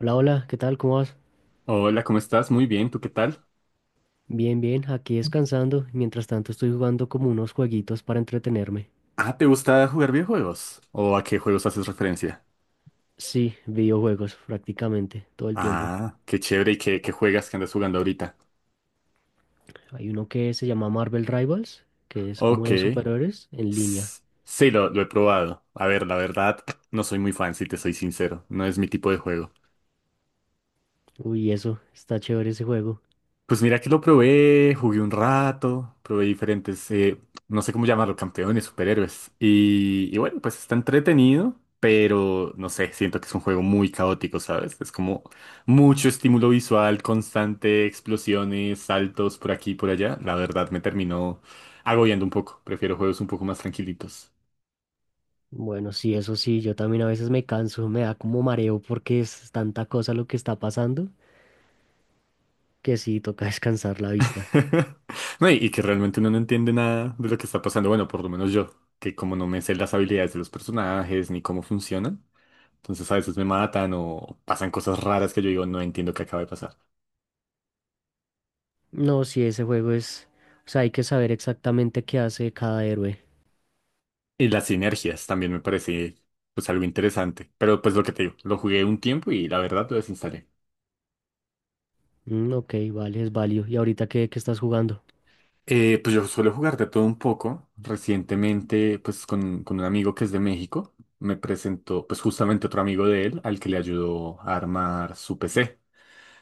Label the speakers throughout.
Speaker 1: Hola, hola, ¿qué tal? ¿Cómo vas?
Speaker 2: Hola, ¿cómo estás? Muy bien, ¿tú qué tal?
Speaker 1: Bien, bien, aquí descansando. Mientras tanto estoy jugando como unos jueguitos para entretenerme.
Speaker 2: Ah, ¿te gusta jugar videojuegos? ¿O a qué juegos haces referencia?
Speaker 1: Sí, videojuegos prácticamente todo el tiempo.
Speaker 2: Ah, qué chévere y qué juegas que andas jugando ahorita.
Speaker 1: Hay uno que se llama Marvel Rivals, que es como
Speaker 2: Ok.
Speaker 1: de superhéroes en línea.
Speaker 2: S- Sí, lo he probado. A ver, la verdad, no soy muy fan, si te soy sincero. No es mi tipo de juego.
Speaker 1: Uy, eso, está chévere ese juego.
Speaker 2: Pues mira que lo probé, jugué un rato, probé diferentes, no sé cómo llamarlo, campeones, superhéroes. Y bueno, pues está entretenido, pero no sé, siento que es un juego muy caótico, ¿sabes? Es como mucho estímulo visual, constante, explosiones, saltos por aquí y por allá. La verdad me terminó agobiando un poco. Prefiero juegos un poco más tranquilitos.
Speaker 1: Bueno, sí, eso sí, yo también a veces me canso, me da como mareo porque es tanta cosa lo que está pasando que sí, toca descansar la vista.
Speaker 2: No, y que realmente uno no entiende nada de lo que está pasando. Bueno, por lo menos yo, que como no me sé las habilidades de los personajes ni cómo funcionan. Entonces a veces me matan o pasan cosas raras que yo digo, no entiendo qué acaba de pasar.
Speaker 1: No, sí, ese juego es... O sea, hay que saber exactamente qué hace cada héroe.
Speaker 2: Y las sinergias también me parece pues algo interesante. Pero pues lo que te digo, lo jugué un tiempo y la verdad lo desinstalé.
Speaker 1: Mm, ok, vale, es válido. ¿Y ahorita qué, qué estás jugando?
Speaker 2: Pues yo suelo jugar de todo un poco. Recientemente pues con un amigo que es de México me presentó pues justamente otro amigo de él al que le ayudó a armar su PC.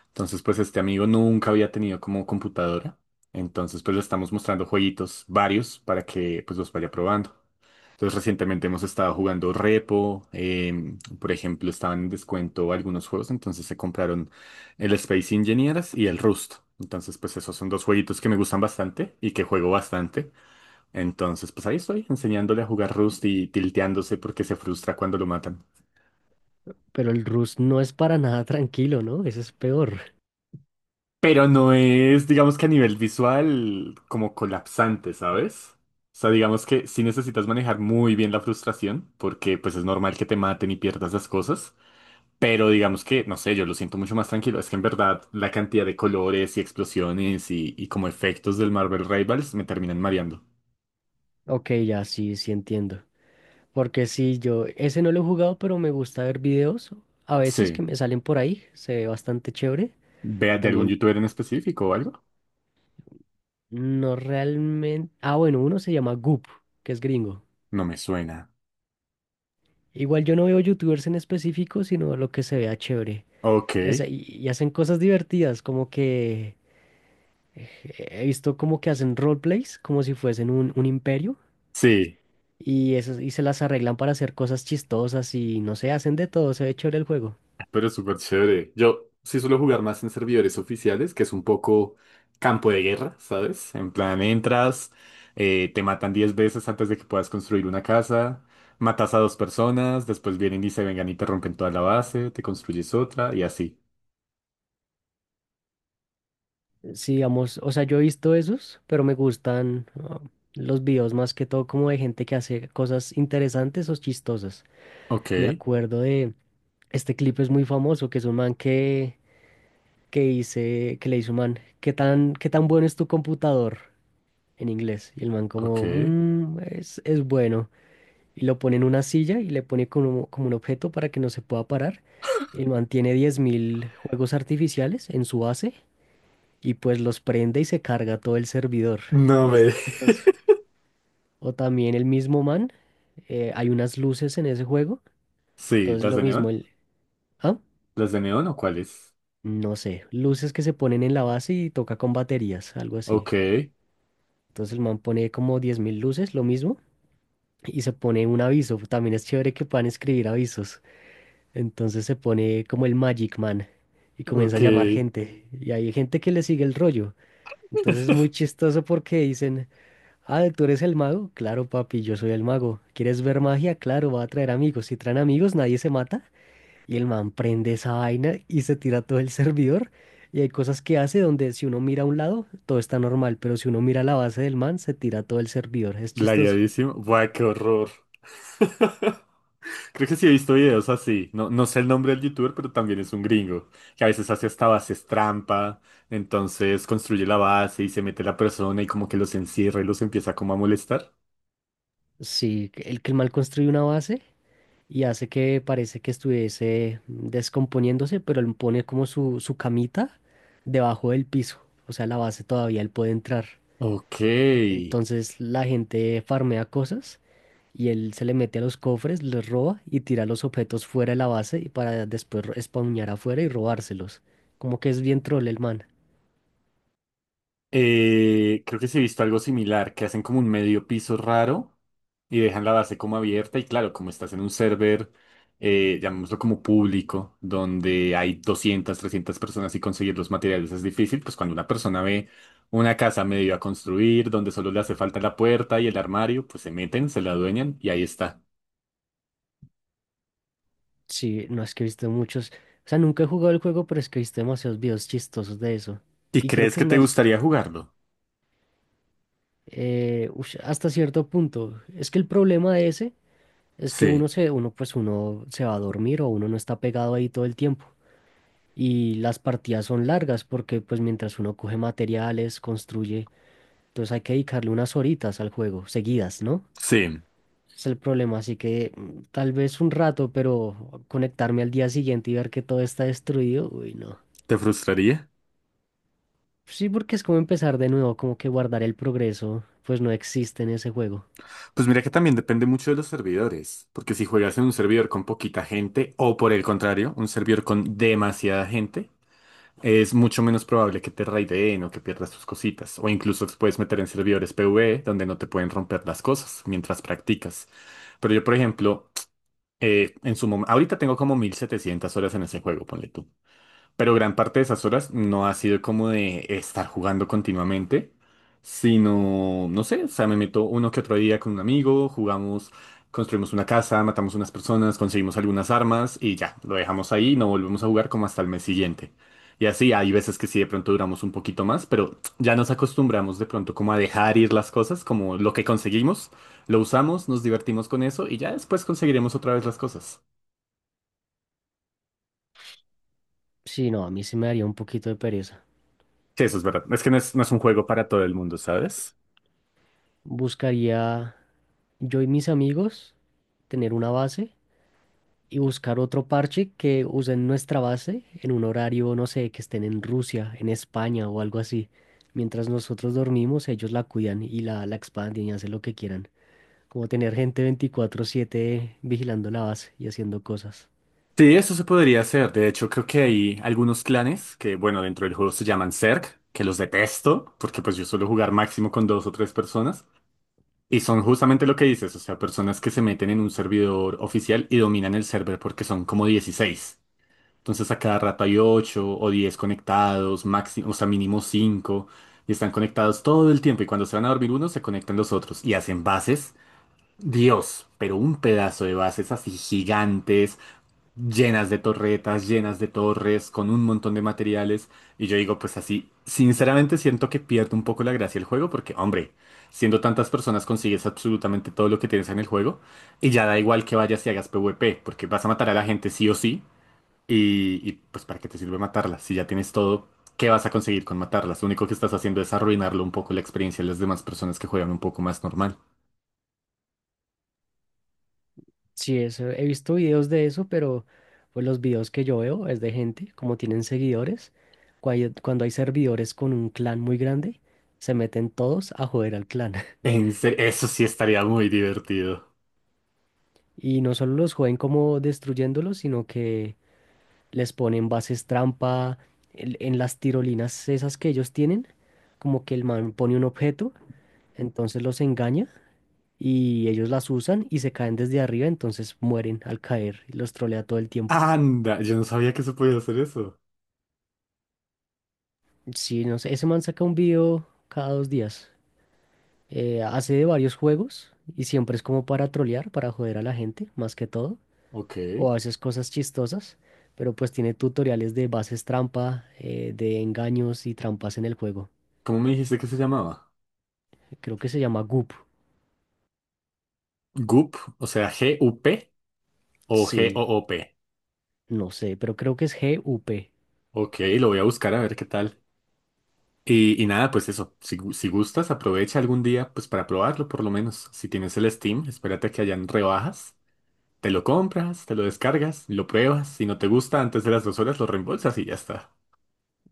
Speaker 2: Entonces pues este amigo nunca había tenido como computadora. Entonces pues le estamos mostrando jueguitos varios para que pues los vaya probando. Entonces, recientemente hemos estado jugando Repo, por ejemplo, estaban en descuento algunos juegos, entonces se compraron el Space Engineers y el Rust. Entonces, pues esos son dos jueguitos que me gustan bastante y que juego bastante. Entonces, pues ahí estoy enseñándole a jugar Rust y tilteándose porque se frustra cuando lo matan.
Speaker 1: Pero el Rust no es para nada tranquilo, ¿no? Ese es peor.
Speaker 2: Pero no es, digamos que a nivel visual, como colapsante, ¿sabes? O sea, digamos que sí necesitas manejar muy bien la frustración, porque pues es normal que te maten y pierdas las cosas. Pero digamos que, no sé, yo lo siento mucho más tranquilo. Es que en verdad la cantidad de colores y explosiones y como efectos del Marvel Rivals me terminan mareando.
Speaker 1: Ok, ya sí, sí entiendo. Porque sí, yo ese no lo he jugado, pero me gusta ver videos a veces que
Speaker 2: Sí.
Speaker 1: me salen por ahí. Se ve bastante chévere.
Speaker 2: ¿Vea de algún
Speaker 1: También
Speaker 2: youtuber en específico o algo?
Speaker 1: no realmente... Ah, bueno, uno se llama Goop, que es gringo.
Speaker 2: No me suena.
Speaker 1: Igual yo no veo youtubers en específico, sino lo que se vea chévere. Y,
Speaker 2: Ok.
Speaker 1: y hacen cosas divertidas, como que... eh, he visto como que hacen roleplays, como si fuesen un imperio.
Speaker 2: Sí.
Speaker 1: Y, eso, y se las arreglan para hacer cosas chistosas y no sé, hacen de todo, se ve chévere el juego.
Speaker 2: Pero es súper chévere. Yo sí suelo jugar más en servidores oficiales, que es un poco campo de guerra, ¿sabes? En plan, entras, te matan 10 veces antes de que puedas construir una casa, matas a dos personas, después vienen y se vengan y te rompen toda la base, te construyes otra y así.
Speaker 1: Sí, vamos, o sea, yo he visto esos, pero me gustan los videos más que todo como de gente que hace cosas interesantes o chistosas.
Speaker 2: Ok,
Speaker 1: Me acuerdo de, este clip es muy famoso, que es un man que dice, que le dice un man, qué tan bueno es tu computador? En inglés. Y el man como,
Speaker 2: ok.
Speaker 1: "Mm, es bueno". Y lo pone en una silla y le pone como, como un objeto para que no se pueda parar. Él mantiene 10.000 juegos artificiales en su base y pues los prende y se carga todo el servidor.
Speaker 2: No
Speaker 1: Y es
Speaker 2: me...
Speaker 1: chistoso. O también el mismo man, hay unas luces en ese juego,
Speaker 2: Sí,
Speaker 1: entonces
Speaker 2: ¿las
Speaker 1: lo
Speaker 2: de
Speaker 1: mismo,
Speaker 2: neón?
Speaker 1: el... ¿Ah?
Speaker 2: ¿Las de neón o cuáles?
Speaker 1: No sé, luces que se ponen en la base y toca con baterías, algo así.
Speaker 2: Ok,
Speaker 1: Entonces el man pone como 10.000 luces, lo mismo, y se pone un aviso. También es chévere que puedan escribir avisos. Entonces se pone como el Magic Man y comienza
Speaker 2: ok.
Speaker 1: a llamar gente. Y hay gente que le sigue el rollo. Entonces es muy chistoso porque dicen, ah, ¿tú eres el mago? Claro, papi, yo soy el mago. ¿Quieres ver magia? Claro, va a traer amigos. Si traen amigos, nadie se mata. Y el man prende esa vaina y se tira todo el servidor. Y hay cosas que hace donde si uno mira a un lado, todo está normal, pero si uno mira la base del man, se tira todo el servidor. Es chistoso.
Speaker 2: Lagueadísimo. Buah, qué horror. Creo que sí he visto videos así. No, no sé el nombre del youtuber, pero también es un gringo, que a veces hace hasta bases trampa, entonces construye la base y se mete la persona y como que los encierra y los empieza como a molestar.
Speaker 1: Sí, el que el mal construye una base y hace que parece que estuviese descomponiéndose, pero él pone como su camita debajo del piso, o sea, la base todavía él puede entrar.
Speaker 2: Ok.
Speaker 1: Entonces la gente farmea cosas y él se le mete a los cofres, les roba y tira los objetos fuera de la base y para después spawnear afuera y robárselos. Como que es bien troll el man.
Speaker 2: Creo que sí he visto algo similar, que hacen como un medio piso raro y dejan la base como abierta y claro, como estás en un server, llamémoslo como público, donde hay 200 300 personas y conseguir los materiales es difícil, pues cuando una persona ve una casa medio a construir, donde solo le hace falta la puerta y el armario, pues se meten, se la adueñan y ahí está.
Speaker 1: Sí, no es que he visto muchos, o sea, nunca he jugado el juego, pero es que he visto demasiados videos chistosos de eso.
Speaker 2: ¿Y
Speaker 1: Y creo
Speaker 2: crees
Speaker 1: que
Speaker 2: que
Speaker 1: es
Speaker 2: te
Speaker 1: más...
Speaker 2: gustaría jugarlo?
Speaker 1: Ush, hasta cierto punto. Es que el problema de ese es que
Speaker 2: Sí,
Speaker 1: pues uno se va a dormir o uno no está pegado ahí todo el tiempo. Y las partidas son largas porque pues mientras uno coge materiales, construye, entonces hay que dedicarle unas horitas al juego, seguidas, ¿no?
Speaker 2: sí,
Speaker 1: Es el problema, así que tal vez un rato, pero conectarme al día siguiente y ver que todo está destruido, uy, no.
Speaker 2: ¿te frustraría?
Speaker 1: Sí, porque es como empezar de nuevo, como que guardar el progreso, pues no existe en ese juego.
Speaker 2: Pues mira que también depende mucho de los servidores, porque si juegas en un servidor con poquita gente o por el contrario, un servidor con demasiada gente, es mucho menos probable que te raideen o que pierdas tus cositas, o incluso te puedes meter en servidores PvE donde no te pueden romper las cosas mientras practicas. Pero yo, por ejemplo, en su momento, ahorita tengo como 1.700 horas en ese juego, ponle tú. Pero gran parte de esas horas no ha sido como de estar jugando continuamente, sino, no sé, o sea, me meto uno que otro día con un amigo, jugamos, construimos una casa, matamos unas personas, conseguimos algunas armas y ya, lo dejamos ahí y no volvemos a jugar como hasta el mes siguiente. Y así, hay veces que sí, de pronto duramos un poquito más, pero ya nos acostumbramos de pronto como a dejar ir las cosas, como lo que conseguimos, lo usamos, nos divertimos con eso y ya después conseguiremos otra vez las cosas.
Speaker 1: Sí, no, a mí sí me daría un poquito de pereza.
Speaker 2: Sí, eso es verdad. Es que no es, no es un juego para todo el mundo, ¿sabes?
Speaker 1: Buscaría yo y mis amigos tener una base y buscar otro parche que usen nuestra base en un horario, no sé, que estén en Rusia, en España o algo así. Mientras nosotros dormimos, ellos la cuidan y la expanden y hacen lo que quieran. Como tener gente 24/7 vigilando la base y haciendo cosas.
Speaker 2: Sí, eso se podría hacer. De hecho, creo que hay algunos clanes que, bueno, dentro del juego se llaman Zerg, que los detesto, porque pues yo suelo jugar máximo con dos o tres personas. Y son justamente lo que dices, o sea, personas que se meten en un servidor oficial y dominan el server porque son como 16. Entonces a cada rato hay 8 o 10 conectados, máximo, o sea, mínimo 5 y están conectados todo el tiempo. Y cuando se van a dormir unos, se conectan los otros y hacen bases. Dios, pero un pedazo de bases así gigantes llenas de torretas, llenas de torres, con un montón de materiales. Y yo digo, pues así, sinceramente siento que pierdo un poco la gracia el juego porque, hombre, siendo tantas personas consigues absolutamente todo lo que tienes en el juego y ya da igual que vayas y hagas PvP, porque vas a matar a la gente sí o sí y, pues ¿para qué te sirve matarla? Si ya tienes todo, ¿qué vas a conseguir con matarlas? Lo único que estás haciendo es arruinarlo un poco la experiencia de las demás personas que juegan un poco más normal.
Speaker 1: Sí, eso, he visto videos de eso, pero pues los videos que yo veo es de gente, como tienen seguidores, cuando hay servidores con un clan muy grande, se meten todos a joder al clan.
Speaker 2: Eso sí estaría muy divertido.
Speaker 1: Y no solo los joden como destruyéndolos, sino que les ponen bases trampa en las tirolinas esas que ellos tienen, como que el man pone un objeto, entonces los engaña y ellos las usan y se caen desde arriba, entonces mueren al caer y los trolea todo el tiempo.
Speaker 2: Anda, yo no sabía que se podía hacer eso.
Speaker 1: Sí, no sé, ese man saca un video cada dos días. Hace de varios juegos y siempre es como para trolear, para joder a la gente, más que todo.
Speaker 2: Ok.
Speaker 1: O a veces cosas chistosas, pero pues tiene tutoriales de bases trampa, de engaños y trampas en el juego.
Speaker 2: ¿Cómo me dijiste que se llamaba?
Speaker 1: Creo que se llama Goop.
Speaker 2: Goop, o sea, GUP o
Speaker 1: Sí,
Speaker 2: GOOP.
Speaker 1: no sé, pero creo que es G-U-P.
Speaker 2: Ok, lo voy a buscar a ver qué tal. Y nada, pues eso, si gustas, aprovecha algún día, pues para probarlo por lo menos. Si tienes el Steam, espérate a que hayan rebajas, te lo compras, te lo descargas, lo pruebas. Si no te gusta, antes de las 2 horas lo reembolsas y ya está.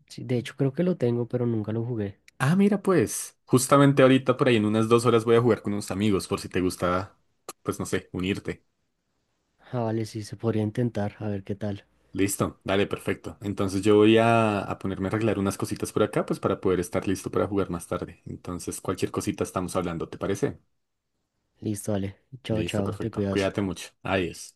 Speaker 1: Sí, de hecho, creo que lo tengo, pero nunca lo jugué.
Speaker 2: Ah, mira, pues, justamente ahorita por ahí en unas 2 horas voy a jugar con unos amigos, por si te gusta, pues no sé, unirte.
Speaker 1: Ah, vale, sí, se podría intentar, a ver qué tal.
Speaker 2: Listo, dale, perfecto. Entonces yo voy a ponerme a arreglar unas cositas por acá, pues para poder estar listo para jugar más tarde. Entonces cualquier cosita estamos hablando, ¿te parece?
Speaker 1: Listo, vale. Chao,
Speaker 2: Listo,
Speaker 1: chao, te
Speaker 2: perfecto.
Speaker 1: cuidas.
Speaker 2: Cuídate mucho. Adiós.